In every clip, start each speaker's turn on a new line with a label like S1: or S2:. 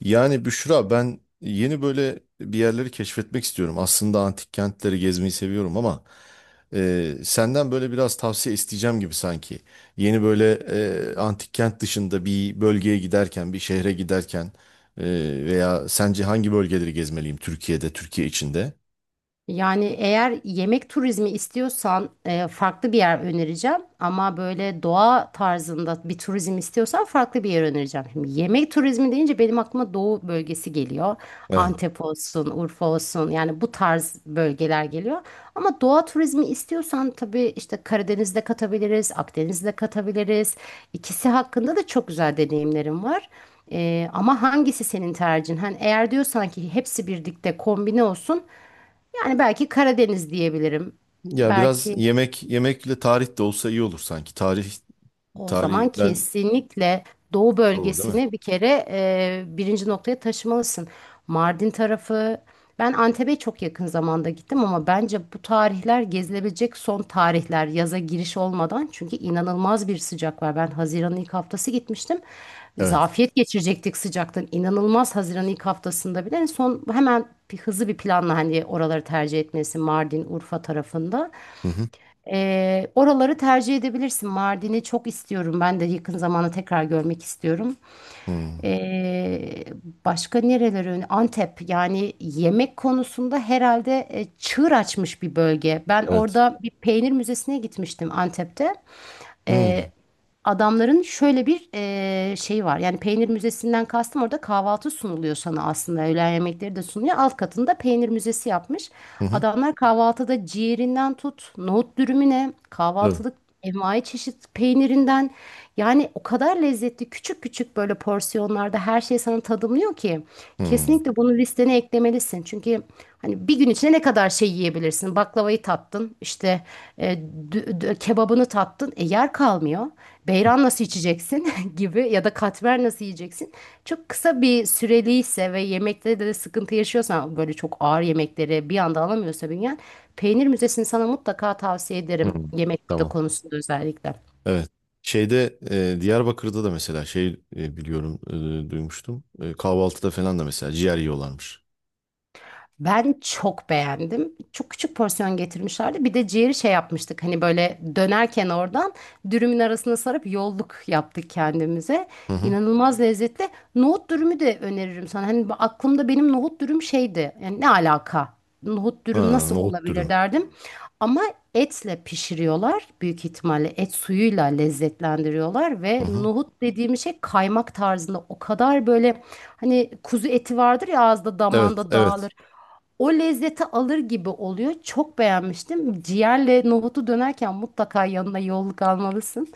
S1: Yani Büşra ben yeni böyle bir yerleri keşfetmek istiyorum. Aslında antik kentleri gezmeyi seviyorum ama senden böyle biraz tavsiye isteyeceğim gibi sanki. Yeni böyle antik kent dışında bir bölgeye giderken, bir şehre giderken e, veya sence hangi bölgeleri gezmeliyim Türkiye'de, Türkiye içinde?
S2: Yani eğer yemek turizmi istiyorsan farklı bir yer önereceğim. Ama böyle doğa tarzında bir turizm istiyorsan farklı bir yer önereceğim. Şimdi yemek turizmi deyince benim aklıma doğu bölgesi geliyor.
S1: Evet.
S2: Antep olsun, Urfa olsun yani bu tarz bölgeler geliyor. Ama doğa turizmi istiyorsan tabii işte Karadeniz'de katabiliriz, Akdeniz'de katabiliriz. İkisi hakkında da çok güzel deneyimlerim var. Ama hangisi senin tercihin? Hani eğer diyorsan ki hepsi birlikte kombine olsun. Yani belki Karadeniz diyebilirim.
S1: Ya biraz
S2: Belki
S1: yemek yemekle tarih de olsa iyi olur sanki. Tarih
S2: o
S1: tarih
S2: zaman
S1: ben
S2: kesinlikle doğu
S1: doğru değil mi?
S2: bölgesini bir kere birinci noktaya taşımalısın. Mardin tarafı, ben Antep'e çok yakın zamanda gittim ama bence bu tarihler gezilebilecek son tarihler yaza giriş olmadan. Çünkü inanılmaz bir sıcak var. Ben Haziran'ın ilk haftası gitmiştim.
S1: Evet.
S2: Zafiyet geçirecektik sıcaktan. İnanılmaz Haziran'ın ilk haftasında bile. Son hemen bir hızlı bir planla hani oraları tercih etmesi Mardin, Urfa tarafında.
S1: Hı hı.
S2: Oraları tercih edebilirsin. Mardin'i çok istiyorum. Ben de yakın zamanda tekrar görmek istiyorum.
S1: Hı.
S2: Ee, Başka nereleri? Antep. Yani yemek konusunda herhalde çığır açmış bir bölge. Ben
S1: Evet.
S2: orada bir peynir müzesine gitmiştim Antep'te.
S1: Hı hı.
S2: e, Adamların şöyle bir şey var. Yani peynir müzesinden kastım orada kahvaltı sunuluyor sana aslında. Öğlen yemekleri de sunuyor. Alt katında peynir müzesi yapmış.
S1: Hı.
S2: Adamlar kahvaltıda ciğerinden tut, nohut dürümüne,
S1: Tabii.
S2: kahvaltılık envai çeşit peynirinden yani o kadar lezzetli küçük küçük böyle porsiyonlarda her şey sana tadımlıyor ki
S1: Hı.
S2: kesinlikle bunu listene eklemelisin yemeyebilirsin. Çünkü hani bir gün içinde ne kadar şey yiyebilirsin? Baklavayı tattın, işte kebabını tattın, yer kalmıyor. Beyran nasıl içeceksin gibi ya da katmer nasıl yiyeceksin? Çok kısa bir süreliyse ve yemekte de sıkıntı yaşıyorsan böyle çok ağır yemekleri bir anda alamıyorsa bünyen, peynir müzesini sana mutlaka tavsiye
S1: Hı,
S2: ederim yemek
S1: tamam.
S2: konusunda özellikle.
S1: Evet. Şeyde Diyarbakır'da da mesela şey biliyorum duymuştum. Kahvaltıda falan da mesela ciğer yiyorlarmış.
S2: Ben çok beğendim. Çok küçük porsiyon getirmişlerdi. Bir de ciğeri şey yapmıştık. Hani böyle dönerken oradan dürümün arasına sarıp yolluk yaptık kendimize.
S1: Hı hı.
S2: İnanılmaz lezzetli. Nohut dürümü de öneririm sana. Hani aklımda benim nohut dürüm şeydi. Yani ne alaka? Nohut dürüm
S1: Ha,
S2: nasıl
S1: nohut
S2: olabilir
S1: dürüm.
S2: derdim. Ama etle pişiriyorlar. Büyük ihtimalle et suyuyla lezzetlendiriyorlar
S1: Hı
S2: ve
S1: hı.
S2: nohut dediğim şey kaymak tarzında o kadar böyle. Hani kuzu eti vardır ya ağızda
S1: Evet,
S2: damağında
S1: evet.
S2: dağılır o lezzeti alır gibi oluyor. Çok beğenmiştim. Ciğerle nohutu dönerken mutlaka yanına yolluk almalısın.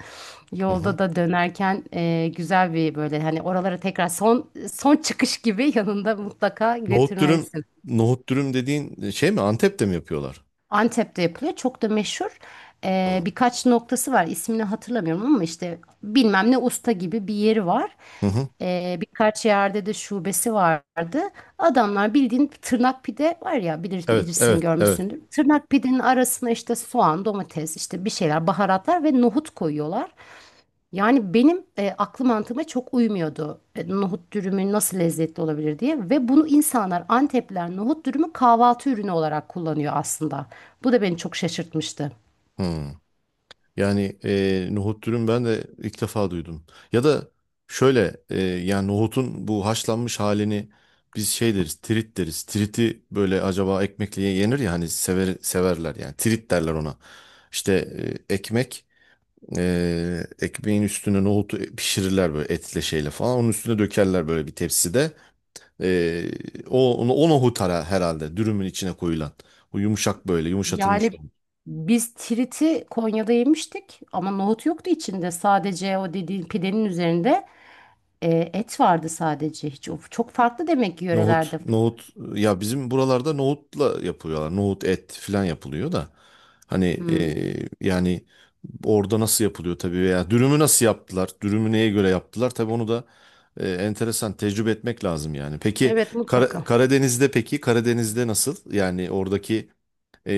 S1: Hı hı.
S2: Yolda da dönerken güzel bir böyle hani oralara tekrar son son çıkış gibi yanında mutlaka
S1: Nohut dürüm,
S2: götürmelisin.
S1: nohut dürüm dediğin şey mi? Antep'te mi yapıyorlar?
S2: Antep'te yapılıyor. Çok da meşhur.
S1: Hı
S2: Birkaç noktası var. İsmini hatırlamıyorum ama işte bilmem ne usta gibi bir yeri var.
S1: hı. Hı.
S2: Birkaç yerde de şubesi vardı. Adamlar bildiğin tırnak pide var ya
S1: Evet,
S2: bilirsin
S1: evet, evet.
S2: görmüşsündür. Tırnak pidenin arasına işte soğan, domates, işte bir şeyler, baharatlar ve nohut koyuyorlar. Yani benim aklı mantığıma çok uymuyordu nohut dürümü nasıl lezzetli olabilir diye ve bunu insanlar Antepliler nohut dürümü kahvaltı ürünü olarak kullanıyor aslında. Bu da beni çok şaşırtmıştı.
S1: Hı. Yani nohut dürüm ben de ilk defa duydum. Ya da şöyle yani nohutun bu haşlanmış halini biz şey deriz, tirit deriz. Tiriti böyle acaba ekmekle yenir ya hani sever, severler yani tirit derler ona. İşte ekmek ekmeğin üstüne nohutu pişirirler böyle etle şeyle falan. Onun üstüne dökerler böyle bir tepside. E, O, o nohut ara herhalde dürümün içine koyulan. O yumuşak böyle yumuşatılmış.
S2: Yani biz tiriti Konya'da yemiştik ama nohut yoktu içinde sadece o dediğin pidenin üzerinde et vardı sadece hiç o çok farklı demek ki
S1: Nohut,
S2: yörelerde.
S1: nohut ya bizim buralarda nohutla yapıyorlar. Nohut et falan yapılıyor da. Hani
S2: Hmm.
S1: yani orada nasıl yapılıyor tabii veya dürümü nasıl yaptılar? Dürümü neye göre yaptılar? Tabii onu da enteresan tecrübe etmek lazım yani. Peki
S2: Evet mutlaka.
S1: Karadeniz'de peki Karadeniz'de nasıl? Yani oradaki e,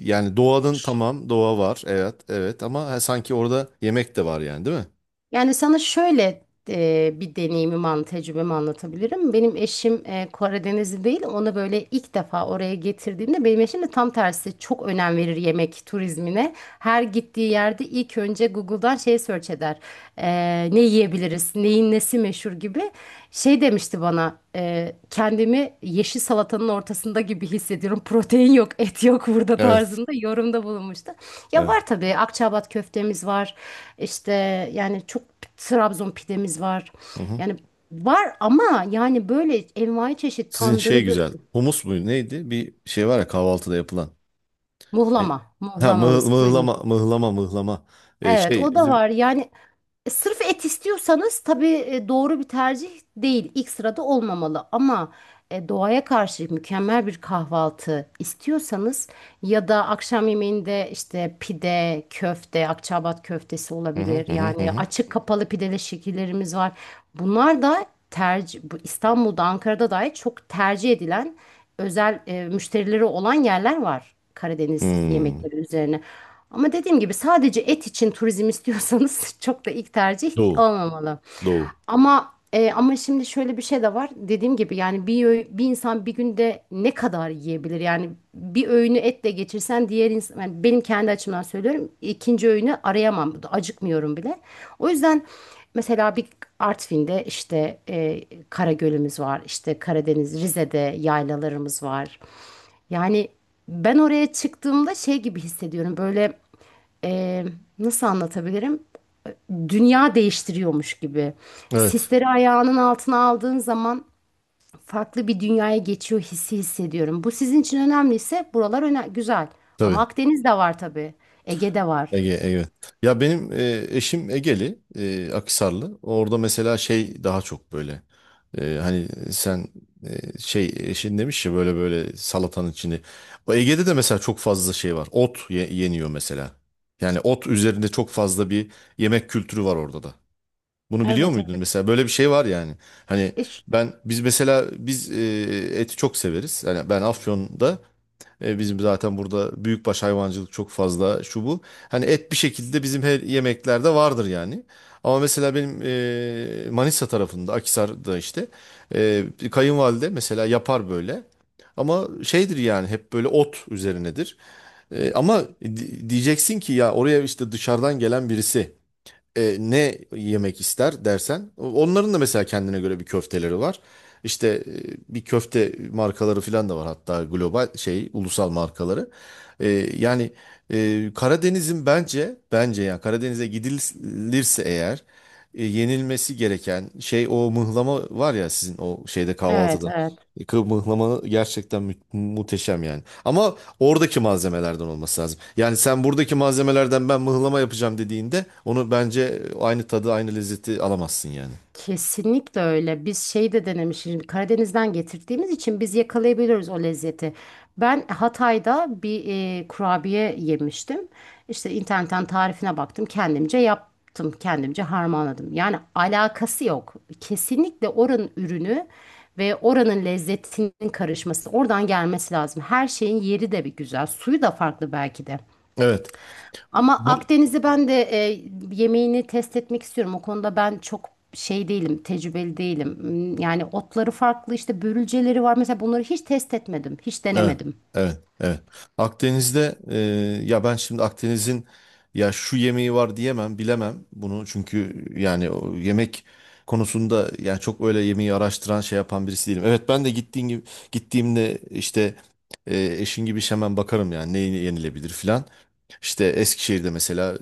S1: yani doğanın tamam doğa var. Evet, evet ama ha, sanki orada yemek de var yani değil mi?
S2: Yani sana şöyle bir tecrübemi anlatabilirim. Benim eşim Karadenizli değil. Onu böyle ilk defa oraya getirdiğimde benim eşim de tam tersi çok önem verir yemek turizmine. Her gittiği yerde ilk önce Google'dan şey search eder. E, Ne yiyebiliriz, neyin nesi meşhur gibi. Şey demişti bana kendimi yeşil salatanın ortasında gibi hissediyorum. Protein yok, et yok burada
S1: Evet.
S2: tarzında yorumda bulunmuştu. Ya
S1: Evet.
S2: var tabii Akçaabat köftemiz var. İşte yani çok Trabzon pidemiz var. Yani var ama yani böyle envai çeşit
S1: Sizin şey
S2: tandırıdır.
S1: güzel. Humus muydu neydi? Bir şey var ya kahvaltıda yapılan. E,
S2: Muhlama.
S1: Ha mıh-
S2: Muhlamamız
S1: mıhlama
S2: kuyma.
S1: mıhlama mıhlama.
S2: Evet
S1: Şey
S2: o da
S1: bizim.
S2: var. Yani sırf et istiyorsanız tabii doğru bir tercih değil. İlk sırada olmamalı ama doğaya karşı mükemmel bir kahvaltı istiyorsanız ya da akşam yemeğinde işte pide, köfte, Akçaabat köftesi
S1: Hı hı
S2: olabilir.
S1: hı hı. Hı
S2: Yani
S1: hı.
S2: açık kapalı pideli şekillerimiz var. Bunlar da tercih, bu İstanbul'da, Ankara'da dahi çok tercih edilen özel müşterileri olan yerler var Karadeniz
S1: Hmm.
S2: yemekleri üzerine. Ama dediğim gibi sadece et için turizm istiyorsanız çok da ilk tercih
S1: Doğu.
S2: olmamalı.
S1: Doğu.
S2: Ama şimdi şöyle bir şey de var. Dediğim gibi yani bir insan bir günde ne kadar yiyebilir? Yani bir öğünü etle geçirsen diğer insan yani benim kendi açımdan söylüyorum. İkinci öğünü arayamam. Acıkmıyorum bile. O yüzden mesela bir Artvin'de işte Karagöl'ümüz var. İşte Karadeniz, Rize'de yaylalarımız var. Yani ben oraya çıktığımda şey gibi hissediyorum. Böyle e, nasıl anlatabilirim? Dünya değiştiriyormuş gibi.
S1: Evet.
S2: Sisleri ayağının altına aldığın zaman farklı bir dünyaya geçiyor hissi hissediyorum. Bu sizin için önemliyse buralar öne güzel. Ama
S1: Tabii.
S2: Akdeniz de var tabii. Ege de var.
S1: Ege, evet. Ya benim eşim Egeli, Akhisarlı. Orada mesela şey daha çok böyle. Hani sen şey eşin demiş ya böyle böyle salatanın içinde. O Ege'de de mesela çok fazla şey var. Yeniyor mesela. Yani ot üzerinde çok fazla bir yemek kültürü var orada da. Bunu biliyor
S2: Evet,
S1: muydun?
S2: evet.
S1: Mesela böyle bir şey var yani. Hani
S2: İş,
S1: ben biz mesela biz eti çok severiz. Yani ben Afyon'da bizim zaten burada büyükbaş hayvancılık çok fazla şu bu. Hani et bir şekilde bizim her yemeklerde vardır yani. Ama mesela benim Manisa tarafında Akhisar'da işte bir kayınvalide mesela yapar böyle. Ama şeydir yani hep böyle ot üzerinedir. Ama diyeceksin ki ya oraya işte dışarıdan gelen birisi ne yemek ister dersen onların da mesela kendine göre bir köfteleri var. İşte bir köfte markaları falan da var hatta global şey ulusal markaları. E, Yani Karadeniz'in bence yani Karadeniz'e gidilirse eğer yenilmesi gereken şey o mıhlama var ya sizin o şeyde
S2: evet,
S1: kahvaltıda.
S2: evet.
S1: Mıhlama gerçekten muhteşem yani. Ama oradaki malzemelerden olması lazım. Yani sen buradaki malzemelerden ben mıhlama yapacağım dediğinde onu bence aynı tadı, aynı lezzeti alamazsın yani.
S2: Kesinlikle öyle. Biz şey de denemişiz. Şimdi Karadeniz'den getirdiğimiz için biz yakalayabiliyoruz o lezzeti. Ben Hatay'da bir kurabiye yemiştim. İşte internetten tarifine baktım. Kendimce yaptım. Kendimce harmanladım. Yani alakası yok. Kesinlikle oranın ürünü ve oranın lezzetinin karışması, oradan gelmesi lazım. Her şeyin yeri de bir güzel. Suyu da farklı belki de.
S1: Evet.
S2: Ama
S1: Bu
S2: Akdeniz'i ben de yemeğini test etmek istiyorum. O konuda ben çok şey değilim, tecrübeli değilim. Hmm, yani otları farklı, işte börülceleri var. Mesela bunları hiç test etmedim, hiç
S1: evet.
S2: denemedim.
S1: Evet. Evet. Akdeniz'de ya ben şimdi Akdeniz'in ya şu yemeği var diyemem, bilemem bunu. Çünkü yani o yemek konusunda yani çok öyle yemeği araştıran şey yapan birisi değilim. Evet ben de gittiğim gibi gittiğimde işte eşin gibi hemen bakarım yani ne yenilebilir filan. İşte Eskişehir'de mesela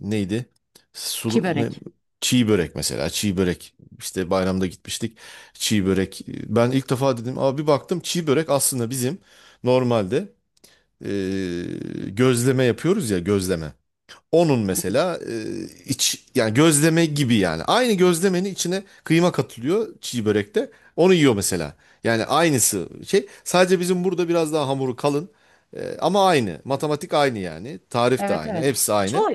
S1: neydi? Sulu, ne?
S2: Çibörek.
S1: Çiğ börek mesela. Çiğ börek. İşte bayramda gitmiştik. Çiğ börek. Ben ilk defa dedim. Abi bir baktım çiğ börek aslında bizim normalde eee, gözleme yapıyoruz ya gözleme. Onun mesela iç yani gözleme gibi yani. Aynı gözlemenin içine kıyma katılıyor çiğ börekte. Onu yiyor mesela. Yani aynısı şey. Sadece bizim burada biraz daha hamuru kalın. Ama aynı. Matematik aynı yani. Tarif de
S2: Evet,
S1: aynı.
S2: evet.
S1: Hepsi aynı.
S2: Çoğu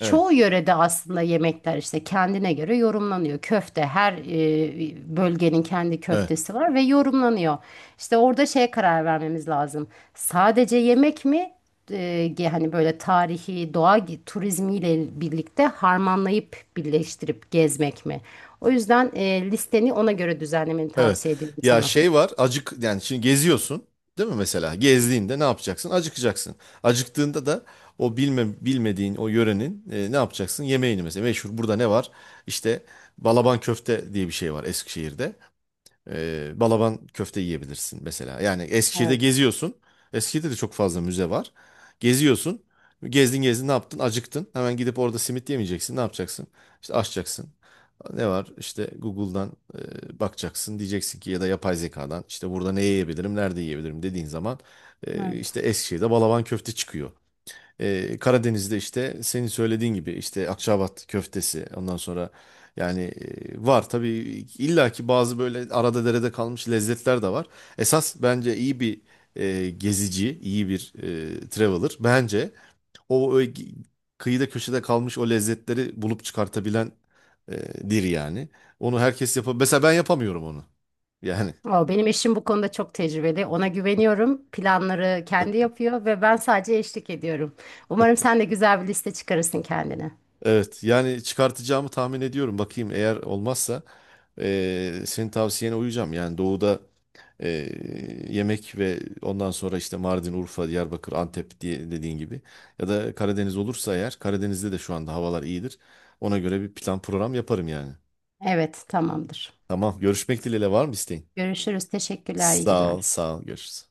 S1: Evet.
S2: yörede aslında yemekler işte kendine göre yorumlanıyor. Köfte her bölgenin kendi
S1: Evet.
S2: köftesi var ve yorumlanıyor. İşte orada şeye karar vermemiz lazım. Sadece yemek mi? E, hani böyle tarihi doğa turizmiyle birlikte harmanlayıp birleştirip gezmek mi? O yüzden listeni ona göre düzenlemeni
S1: Evet.
S2: tavsiye ediyorum
S1: Ya
S2: sana.
S1: şey var, acık yani şimdi geziyorsun, değil mi mesela? Gezdiğinde ne yapacaksın? Acıkacaksın. Acıktığında da bilmediğin o yörenin ne yapacaksın? Yemeğini mesela. Meşhur burada ne var? İşte balaban köfte diye bir şey var Eskişehir'de. Balaban köfte yiyebilirsin mesela. Yani Eskişehir'de
S2: Evet,
S1: geziyorsun. Eskişehir'de de çok fazla müze var. Geziyorsun. Gezdin gezdin ne yaptın? Acıktın. Hemen gidip orada simit yemeyeceksin. Ne yapacaksın? İşte açacaksın. Ne var? İşte Google'dan bakacaksın. Diyeceksin ki ya da yapay zekadan işte burada ne yiyebilirim, nerede yiyebilirim dediğin zaman
S2: evet.
S1: işte Eskişehir'de Balaban köfte çıkıyor. Karadeniz'de işte senin söylediğin gibi işte Akçaabat köftesi ondan sonra yani var tabii illaki bazı böyle arada derede kalmış lezzetler de var. Esas bence iyi bir gezici, iyi bir traveler bence o, ö- kıyıda köşede kalmış o lezzetleri bulup çıkartabilen dir yani. Onu herkes yapabilir. Mesela ben yapamıyorum onu. Yani
S2: Aa, benim eşim bu konuda çok tecrübeli. Ona güveniyorum. Planları kendi yapıyor ve ben sadece eşlik ediyorum. Umarım sen de güzel bir liste çıkarırsın kendine.
S1: evet yani çıkartacağımı tahmin ediyorum. Bakayım eğer olmazsa senin tavsiyene uyacağım. Yani doğuda yemek ve ondan sonra işte Mardin, Urfa, Diyarbakır, Antep diye dediğin gibi. Ya da Karadeniz olursa eğer Karadeniz'de de şu anda havalar iyidir. Ona göre bir plan program yaparım yani.
S2: Evet, tamamdır.
S1: Tamam görüşmek dileğiyle var mı isteğin?
S2: Görüşürüz. Teşekkürler. İyi
S1: Sağ ol
S2: günler.
S1: sağ ol görüşürüz.